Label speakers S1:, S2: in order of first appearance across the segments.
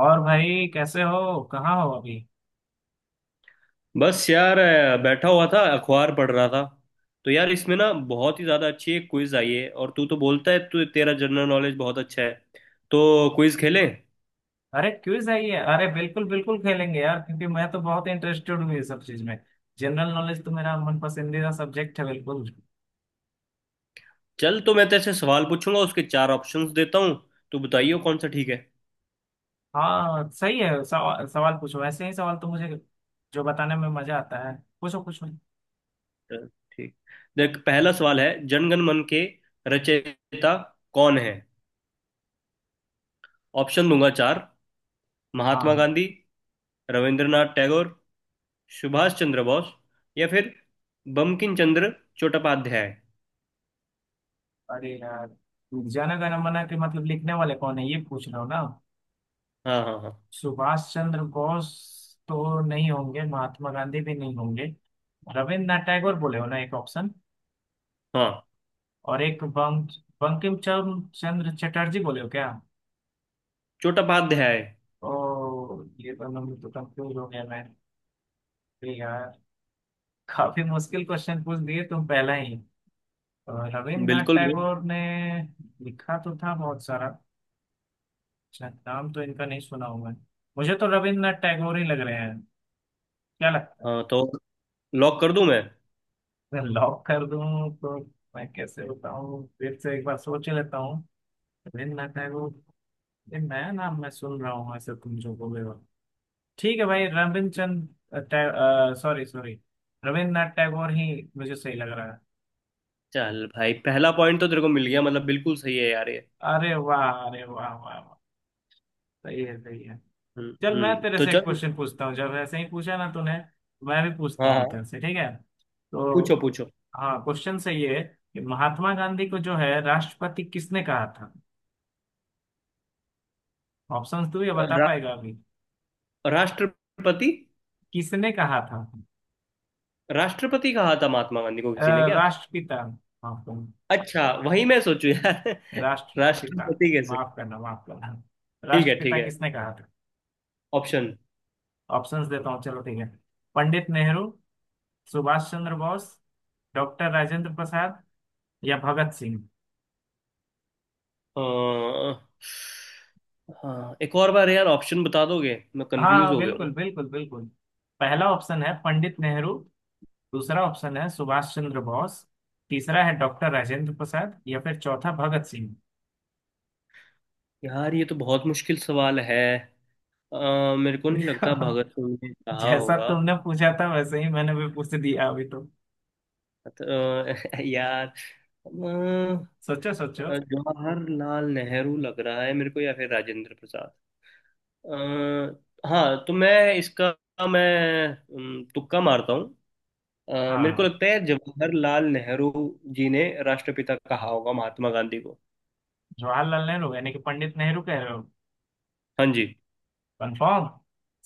S1: और भाई कैसे हो। कहाँ हो अभी।
S2: बस यार बैठा हुआ था, अखबार पढ़ रहा था। तो यार इसमें ना बहुत ही ज़्यादा अच्छी एक क्विज आई है। और तू तो बोलता है तू, तेरा जनरल नॉलेज बहुत अच्छा है। तो क्विज खेलें।
S1: अरे क्विज है ये। अरे बिल्कुल बिल्कुल खेलेंगे यार, क्योंकि मैं तो बहुत इंटरेस्टेड हूँ ये सब चीज में। जनरल नॉलेज तो मेरा मन पसंदीदा सब्जेक्ट है बिल्कुल।
S2: चल, तो मैं तेरे से सवाल पूछूंगा। उसके चार ऑप्शंस देता हूँ। तू बताइयो कौन सा ठीक है।
S1: हाँ सही है, सवाल पूछो। ऐसे ही सवाल तो मुझे जो बताने में मजा आता है। पूछो पूछो।
S2: चल, ठीक। देख पहला सवाल है, जनगण मन के रचयिता कौन है। ऑप्शन दूंगा चार। महात्मा
S1: हाँ।
S2: गांधी, रविंद्रनाथ टैगोर, सुभाष चंद्र बोस, या फिर बंकिम चंद्र चट्टोपाध्याय।
S1: अरे यार, जाना गाना मना के मतलब लिखने वाले कौन है ये पूछ रहा हूँ ना।
S2: हाँ हाँ हाँ।
S1: सुभाष चंद्र बोस तो नहीं होंगे, महात्मा गांधी भी नहीं होंगे। रविन्द्रनाथ टैगोर बोले हो ना एक ऑप्शन।
S2: हाँ।
S1: और एक बंक, बंकिम चंद्र चटर्जी बोले हो क्या।
S2: चट्टोपाध्याय।
S1: ओ ये दोनों में तो कंफ्यूज हो गया मैं। अरे यार, काफी मुश्किल क्वेश्चन पूछ दिए तुम पहला ही। और रविन्द्रनाथ
S2: बिल्कुल ब्रो।
S1: टैगोर ने लिखा तो था बहुत सारा। अच्छा, नाम तो इनका नहीं सुना हूं मैं। मुझे तो रविन्द्रनाथ टैगोर ही लग रहे हैं। क्या लगता
S2: हाँ, तो लॉक कर दूं मैं।
S1: है, लॉक कर दूं तो। मैं कैसे बताऊं, फिर से एक बार सोच लेता हूँ। रविन्द्रनाथ टैगोर, ये नया नाम मैं सुन रहा हूँ ऐसे तुम जो बोले हो। ठीक है भाई, रविंद्रचंद टै- सॉरी सॉरी, रविन्द्रनाथ टैगोर ही मुझे सही लग रहा है।
S2: चल भाई, पहला पॉइंट तो तेरे को मिल गया। मतलब बिल्कुल सही है यार ये।
S1: अरे वाह, अरे वाह वाह वाह, सही है सही है। चल मैं तेरे
S2: तो
S1: से एक
S2: चल।
S1: क्वेश्चन पूछता हूँ। जब ऐसे ही पूछा ना तूने, मैं भी पूछता
S2: हाँ
S1: हूँ
S2: हाँ।
S1: तेरे से, ठीक है। तो
S2: पूछो पूछो।
S1: हाँ, क्वेश्चन सही है कि महात्मा गांधी को जो है राष्ट्रपति किसने कहा था। ऑप्शन तू ये बता
S2: रा,
S1: पाएगा अभी।
S2: राष्ट्रपति।
S1: किसने कहा था।
S2: राष्ट्रपति कहा था महात्मा गांधी को
S1: अ,
S2: किसी ने क्या?
S1: राष्ट्रपिता, माफ करना,
S2: अच्छा, वही मैं सोचू यार
S1: राष्ट्रपिता,
S2: राष्ट्रपति कैसे।
S1: माफ करना माफ करना।
S2: ठीक है ठीक
S1: राष्ट्रपिता
S2: है।
S1: किसने कहा था।
S2: ऑप्शन।
S1: ऑप्शंस देता हूँ, चलो ठीक है। पंडित नेहरू, सुभाष चंद्र बोस, डॉक्टर राजेंद्र प्रसाद, या भगत सिंह।
S2: हाँ, एक और बार यार ऑप्शन बता दोगे, मैं कंफ्यूज
S1: हाँ
S2: हो गया हूँ।
S1: बिल्कुल बिल्कुल बिल्कुल। पहला ऑप्शन है पंडित नेहरू, दूसरा ऑप्शन है सुभाष चंद्र बोस, तीसरा है डॉक्टर राजेंद्र प्रसाद, या फिर चौथा भगत सिंह।
S2: यार ये तो बहुत मुश्किल सवाल है। मेरे को नहीं लगता भगत सिंह ने कहा
S1: जैसा
S2: होगा।
S1: तुमने पूछा था वैसे ही मैंने भी पूछ दिया अभी तो।
S2: अ, यार। अ,
S1: सोचो सोचो।
S2: जवाहरलाल नेहरू लग रहा है मेरे को, या फिर राजेंद्र प्रसाद। हाँ, तो मैं इसका, मैं तुक्का मारता हूँ। मेरे को
S1: हाँ,
S2: लगता है जवाहरलाल नेहरू जी ने राष्ट्रपिता कहा होगा महात्मा गांधी को।
S1: जवाहरलाल नेहरू यानी कि पंडित नेहरू कह रहे हो।
S2: हाँ जी।
S1: कंफर्म।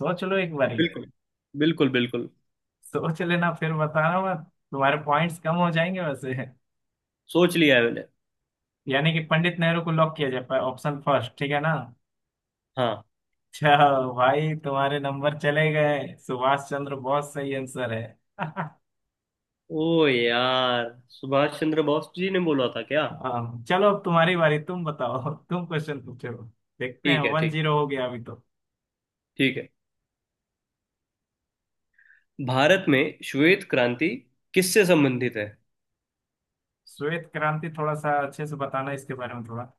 S1: सोच लो एक बारी।
S2: बिल्कुल बिल्कुल बिल्कुल।
S1: सोच लेना फिर बताना मत, तुम्हारे पॉइंट्स कम हो जाएंगे वैसे।
S2: सोच लिया है मैंने।
S1: यानी कि पंडित नेहरू को लॉक किया जाए, ऑप्शन फर्स्ट, ठीक है ना।
S2: हाँ।
S1: अच्छा, भाई तुम्हारे नंबर चले गए, सुभाष चंद्र बोस सही आंसर है।
S2: ओ यार, सुभाष चंद्र बोस जी ने बोला था क्या?
S1: हाँ, चलो अब तुम्हारी बारी, तुम बताओ। तुम क्वेश्चन पूछो, देखते हैं।
S2: ठीक है
S1: वन
S2: ठीक।
S1: जीरो हो गया अभी तो।
S2: ठीक है। भारत में श्वेत क्रांति किससे संबंधित है?
S1: श्वेत क्रांति थोड़ा सा अच्छे से बताना इसके बारे में थोड़ा।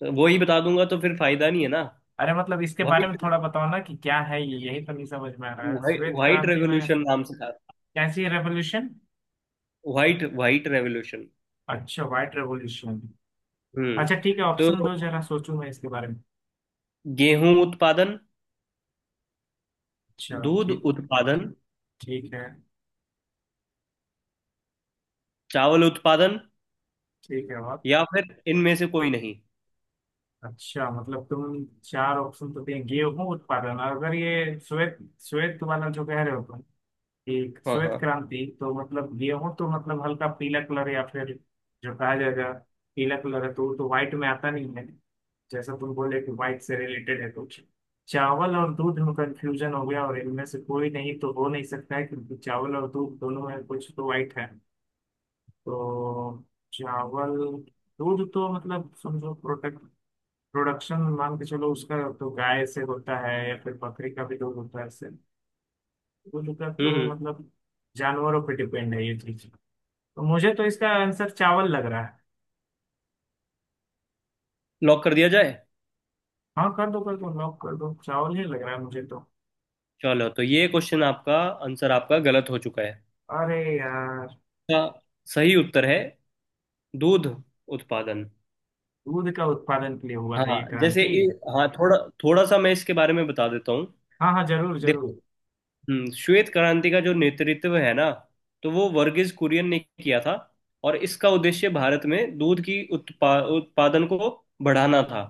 S2: तो वो ही बता दूंगा तो फिर फायदा नहीं है ना।
S1: अरे मतलब इसके बारे में थोड़ा बताओ ना कि क्या है ये, यही तो नहीं समझ में आ रहा है,
S2: व्हाइट
S1: श्वेत
S2: व्हाइट
S1: क्रांति में।
S2: रेवोल्यूशन नाम से था।
S1: कैसी रेवोल्यूशन।
S2: White white revolution.
S1: अच्छा व्हाइट रेवोल्यूशन।
S2: हम्म।
S1: अच्छा ठीक है,
S2: तो
S1: ऑप्शन दो, जरा सोचूं मैं इसके बारे में।
S2: गेहूं उत्पादन,
S1: अच्छा
S2: दूध
S1: ठीक है।
S2: उत्पादन,
S1: ठीक है।
S2: चावल उत्पादन,
S1: ठीक है और।
S2: या फिर इनमें से कोई नहीं।
S1: अच्छा मतलब तुम चार ऑप्शन तो दें गेहूं उत्पादन, और अगर ये श्वेत, श्वेत वाला जो कह रहे हो तुम, ठीक
S2: हाँ
S1: श्वेत
S2: हाँ।
S1: क्रांति, तो मतलब गेहूं तो मतलब हल्का पीला कलर, या फिर जो कहा जाएगा पीला कलर है, तो वो तो व्हाइट में आता नहीं है। जैसा तुम बोले कि व्हाइट से रिलेटेड है कुछ। चावल और दूध में कंफ्यूजन हो गया, और इनमें से कोई नहीं तो हो नहीं सकता है क्योंकि चावल और दूध दोनों में कुछ तो व्हाइट है। तो चावल, दूध, तो मतलब समझो प्रोडक्ट, प्रोडक्शन मान के चलो, उसका तो गाय से होता है या फिर बकरी का भी दूध होता है, इससे दूध का तो
S2: हम्म।
S1: मतलब जानवरों पे डिपेंड है ये चीज। तो मुझे तो इसका आंसर चावल लग रहा है।
S2: लॉक कर दिया जाए।
S1: हाँ कर दो लॉक कर दो, चावल ही लग रहा है मुझे तो।
S2: चलो, तो ये क्वेश्चन आपका, आंसर आपका गलत हो चुका है।
S1: अरे यार।
S2: इसका सही उत्तर है दूध उत्पादन।
S1: दूध का उत्पादन के लिए हुआ था ये
S2: हाँ जैसे
S1: क्रांति।
S2: ये- हाँ, थोड़ा थोड़ा सा मैं इसके बारे में बता देता हूँ।
S1: हाँ हाँ जरूर
S2: देखो,
S1: जरूर।
S2: श्वेत क्रांति का जो नेतृत्व है ना, तो वो वर्गीज कुरियन ने किया था। और इसका उद्देश्य भारत में दूध की उत्पादन को बढ़ाना था।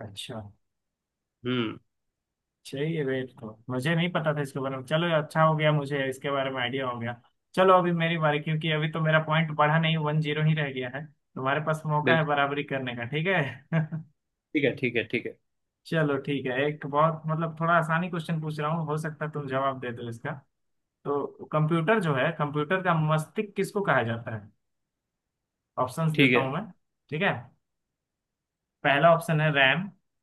S1: अच्छा।
S2: हम्म।
S1: चाहिए वेट, तो मुझे नहीं पता था इसके बारे में, चलो अच्छा हो गया, मुझे इसके बारे में आइडिया हो गया। चलो अभी मेरी बारी, क्योंकि अभी तो मेरा पॉइंट बढ़ा नहीं, 1-0 ही रह गया है। तुम्हारे पास मौका है
S2: बिल्कुल।
S1: बराबरी करने का, ठीक है।
S2: ठीक है ठीक है ठीक है।
S1: चलो ठीक है, एक बहुत मतलब थोड़ा आसानी क्वेश्चन पूछ रहा हूँ, हो सकता है तुम जवाब दे दो इसका। तो कंप्यूटर जो है, कंप्यूटर का मस्तिष्क किसको कहा जाता है। ऑप्शंस
S2: ठीक
S1: देता
S2: है।
S1: हूँ मैं। ठीक है। पहला ऑप्शन है RAM,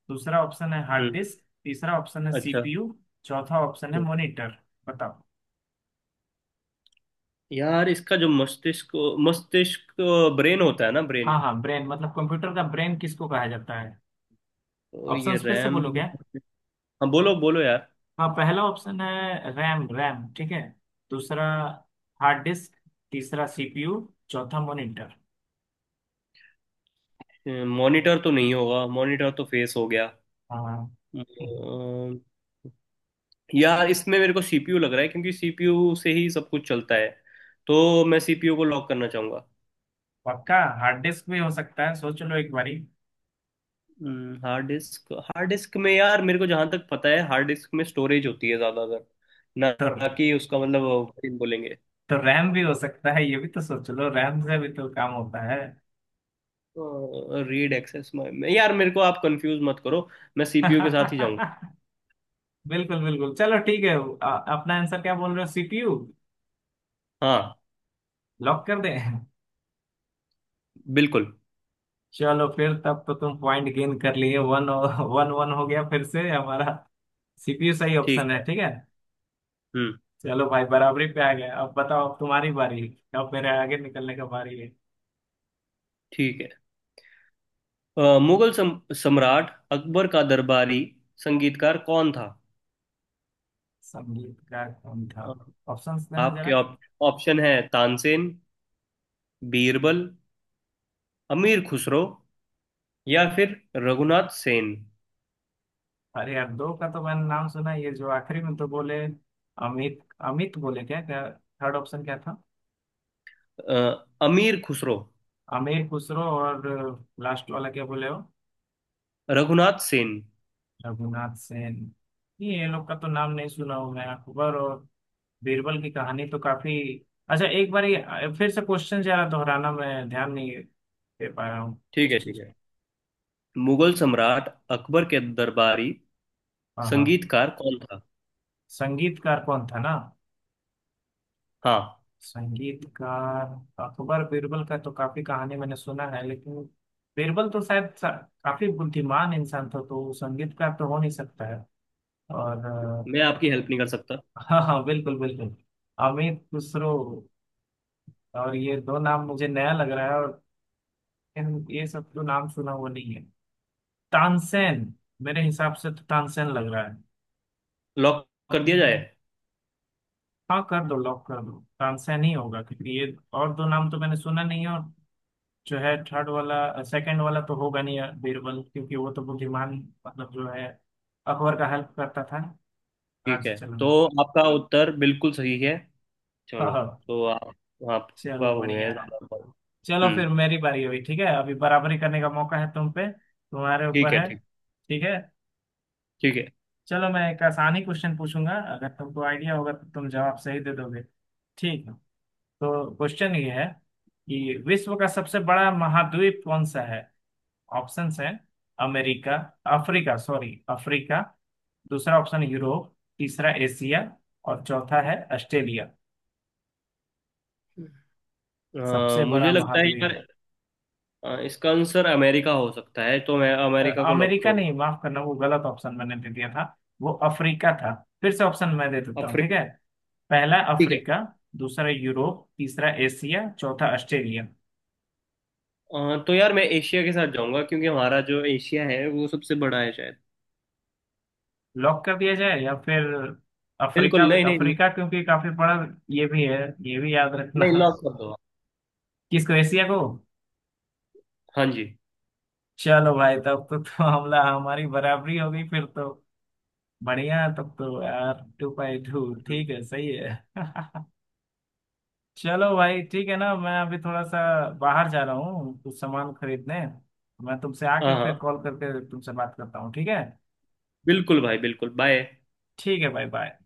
S1: दूसरा ऑप्शन है हार्ड
S2: हम्म।
S1: डिस्क, तीसरा ऑप्शन है
S2: अच्छा।
S1: CPU, चौथा ऑप्शन है
S2: हम्म।
S1: मॉनिटर। बताओ।
S2: यार इसका जो मस्तिष्क, मस्तिष्क, ब्रेन होता है ना, ब्रेन।
S1: हाँ हाँ, ब्रेन मतलब कंप्यूटर का ब्रेन किसको कहा जाता है।
S2: तो ये
S1: ऑप्शंस फिर से
S2: रैम,
S1: बोलो क्या।
S2: हाँ। बोलो बोलो यार।
S1: हाँ पहला ऑप्शन है रैम, RAM, ठीक है। दूसरा हार्ड डिस्क, तीसरा CPU, चौथा मॉनिटर।
S2: मॉनिटर तो नहीं होगा, मॉनिटर तो फेस हो गया।
S1: हाँ हाँ, हाँ, हाँ।
S2: अम्म, यार इसमें मेरे को सीपीयू लग रहा है, क्योंकि सीपीयू से ही सब कुछ चलता है। तो मैं सीपीयू को लॉक करना चाहूंगा।
S1: पक्का। हार्ड डिस्क भी हो सकता है, सोच लो एक बारी।
S2: हार्ड डिस्क, हार्ड डिस्क में यार, मेरे को जहां तक पता है, हार्ड डिस्क में स्टोरेज होती है ज्यादातर ना।
S1: तो।
S2: ना कि उसका मतलब वो बोलेंगे।
S1: तो RAM भी हो सकता है, ये भी तो सोच लो, RAM से भी तो काम होता है।
S2: रीड एक्सेस में, यार मेरे को आप कंफ्यूज मत करो, मैं सीपीयू के साथ ही जाऊंगा।
S1: बिल्कुल बिल्कुल, चलो ठीक है। अपना आंसर क्या बोल रहे हो, CPU,
S2: हाँ।
S1: लॉक कर दें।
S2: बिल्कुल।
S1: चलो फिर तब तो तुम पॉइंट गेन कर लिए, 1-1 हो गया फिर से हमारा। CPU सही
S2: ठीक
S1: ऑप्शन है,
S2: है।
S1: ठीक है।
S2: हम्म।
S1: चलो भाई बराबरी पे आ गया, अब बताओ, अब तुम्हारी बारी। अब मेरे आगे निकलने का बारी है।
S2: ठीक है। मुगल सम्राट अकबर का दरबारी संगीतकार कौन था?
S1: संगीतकार कौन था। ऑप्शंस देना
S2: आपके
S1: जरा।
S2: ऑप्शन है तानसेन, बीरबल, अमीर खुसरो, या फिर रघुनाथ सेन।
S1: अरे यार दो का तो मैंने नाम सुना, ये जो आखिरी में तो बोले, अमित, अमित बोले क्या क्या, थर्ड ऑप्शन क्या था।
S2: अ, अमीर खुसरो।
S1: आमिर खुसरो, और लास्ट वाला क्या बोले हो।
S2: रघुनाथ सेन।
S1: रघुनाथ सेन। ये लोग का तो नाम नहीं सुना हूं मैं। अकबर और बीरबल की कहानी तो काफी। अच्छा एक बार ये फिर से क्वेश्चन जरा दोहराना, मैं ध्यान नहीं दे पा रहा हूँ
S2: ठीक
S1: इस
S2: है ठीक
S1: चीज़ को।
S2: है। मुगल सम्राट अकबर के दरबारी
S1: हाँ हाँ।
S2: संगीतकार कौन था?
S1: संगीतकार कौन था ना।
S2: हाँ।
S1: संगीतकार। अकबर बीरबल का तो काफी कहानी मैंने सुना है, लेकिन बीरबल तो शायद सा-, काफी बुद्धिमान इंसान था, तो वो संगीतकार तो हो नहीं सकता है। और
S2: मैं आपकी हेल्प नहीं कर सकता।
S1: हाँ हाँ बिल्कुल बिल्कुल। अमित खुसरो और ये दो नाम मुझे नया लग रहा है, और ये सब तो नाम सुना हुआ नहीं है। तानसेन, मेरे हिसाब से तो तानसेन लग रहा है।
S2: लॉक कर दिया जाए।
S1: हाँ कर दो, लॉक कर दो। तानसेन ही होगा, क्योंकि ये और दो नाम तो मैंने सुना नहीं है, और जो है थर्ड वाला, सेकंड वाला तो होगा नहीं यार बीरबल, क्योंकि वो तो बुद्धिमान मतलब जो है, अकबर का हेल्प करता था
S2: ठीक
S1: राज्य
S2: है,
S1: चलाने
S2: तो
S1: में।
S2: आपका उत्तर बिल्कुल सही है। चलो,
S1: हाँ।
S2: तो आप, आपका
S1: चलो
S2: हो गया
S1: बढ़िया
S2: है
S1: है।
S2: ज्यादा पॉइंट।
S1: चलो
S2: हम्म।
S1: फिर मेरी बारी हुई, ठीक है, अभी बराबरी करने का मौका है तुम पे, तुम्हारे
S2: ठीक
S1: ऊपर
S2: है
S1: है।
S2: ठीक।
S1: ठीक है।
S2: ठीक है।
S1: चलो मैं एक आसानी क्वेश्चन पूछूंगा, अगर तुमको आइडिया होगा तो तुम जवाब सही दे दोगे, ठीक है। तो क्वेश्चन ये है कि विश्व का सबसे बड़ा महाद्वीप कौन सा है। ऑप्शंस हैं अमेरिका, अफ्रीका, सॉरी, अफ्रीका, दूसरा ऑप्शन यूरोप, तीसरा एशिया, और चौथा है ऑस्ट्रेलिया। सबसे बड़ा
S2: मुझे लगता है
S1: महाद्वीप।
S2: यार, इसका आंसर अमेरिका हो सकता है, तो मैं
S1: अ,
S2: अमेरिका को लॉक
S1: अमेरिका
S2: करूंगा।
S1: नहीं, माफ करना, वो गलत ऑप्शन मैंने दे दिया था, वो अफ्रीका था। फिर से ऑप्शन मैं दे देता हूँ, ठीक
S2: अफ्रीका।
S1: है। पहला
S2: ठीक है।
S1: अफ्रीका, दूसरा यूरोप, तीसरा एशिया, चौथा ऑस्ट्रेलिया।
S2: तो यार मैं एशिया के साथ जाऊंगा, क्योंकि हमारा जो एशिया है वो सबसे बड़ा है शायद।
S1: लॉक कर दिया जाए, या फिर अफ्रीका।
S2: बिल्कुल नहीं नहीं।
S1: अफ्रीका क्योंकि काफी बड़ा ये भी है, ये भी याद रखना।
S2: नहीं, लॉक कर दो।
S1: किसको, एशिया को।
S2: हाँ जी।
S1: चलो भाई तब तो, हमला हमारी बराबरी हो गई फिर तो। बढ़िया, तब तो यार 2-2,
S2: हम्म।
S1: ठीक है, सही है। चलो भाई ठीक है ना, मैं अभी थोड़ा सा बाहर जा रहा हूँ कुछ सामान खरीदने, मैं तुमसे
S2: हाँ
S1: आके फिर
S2: हाँ,
S1: कॉल करके तुमसे बात करता हूँ, ठीक है।
S2: बिल्कुल भाई, बिल्कुल, बाय।
S1: ठीक है भाई, बाय।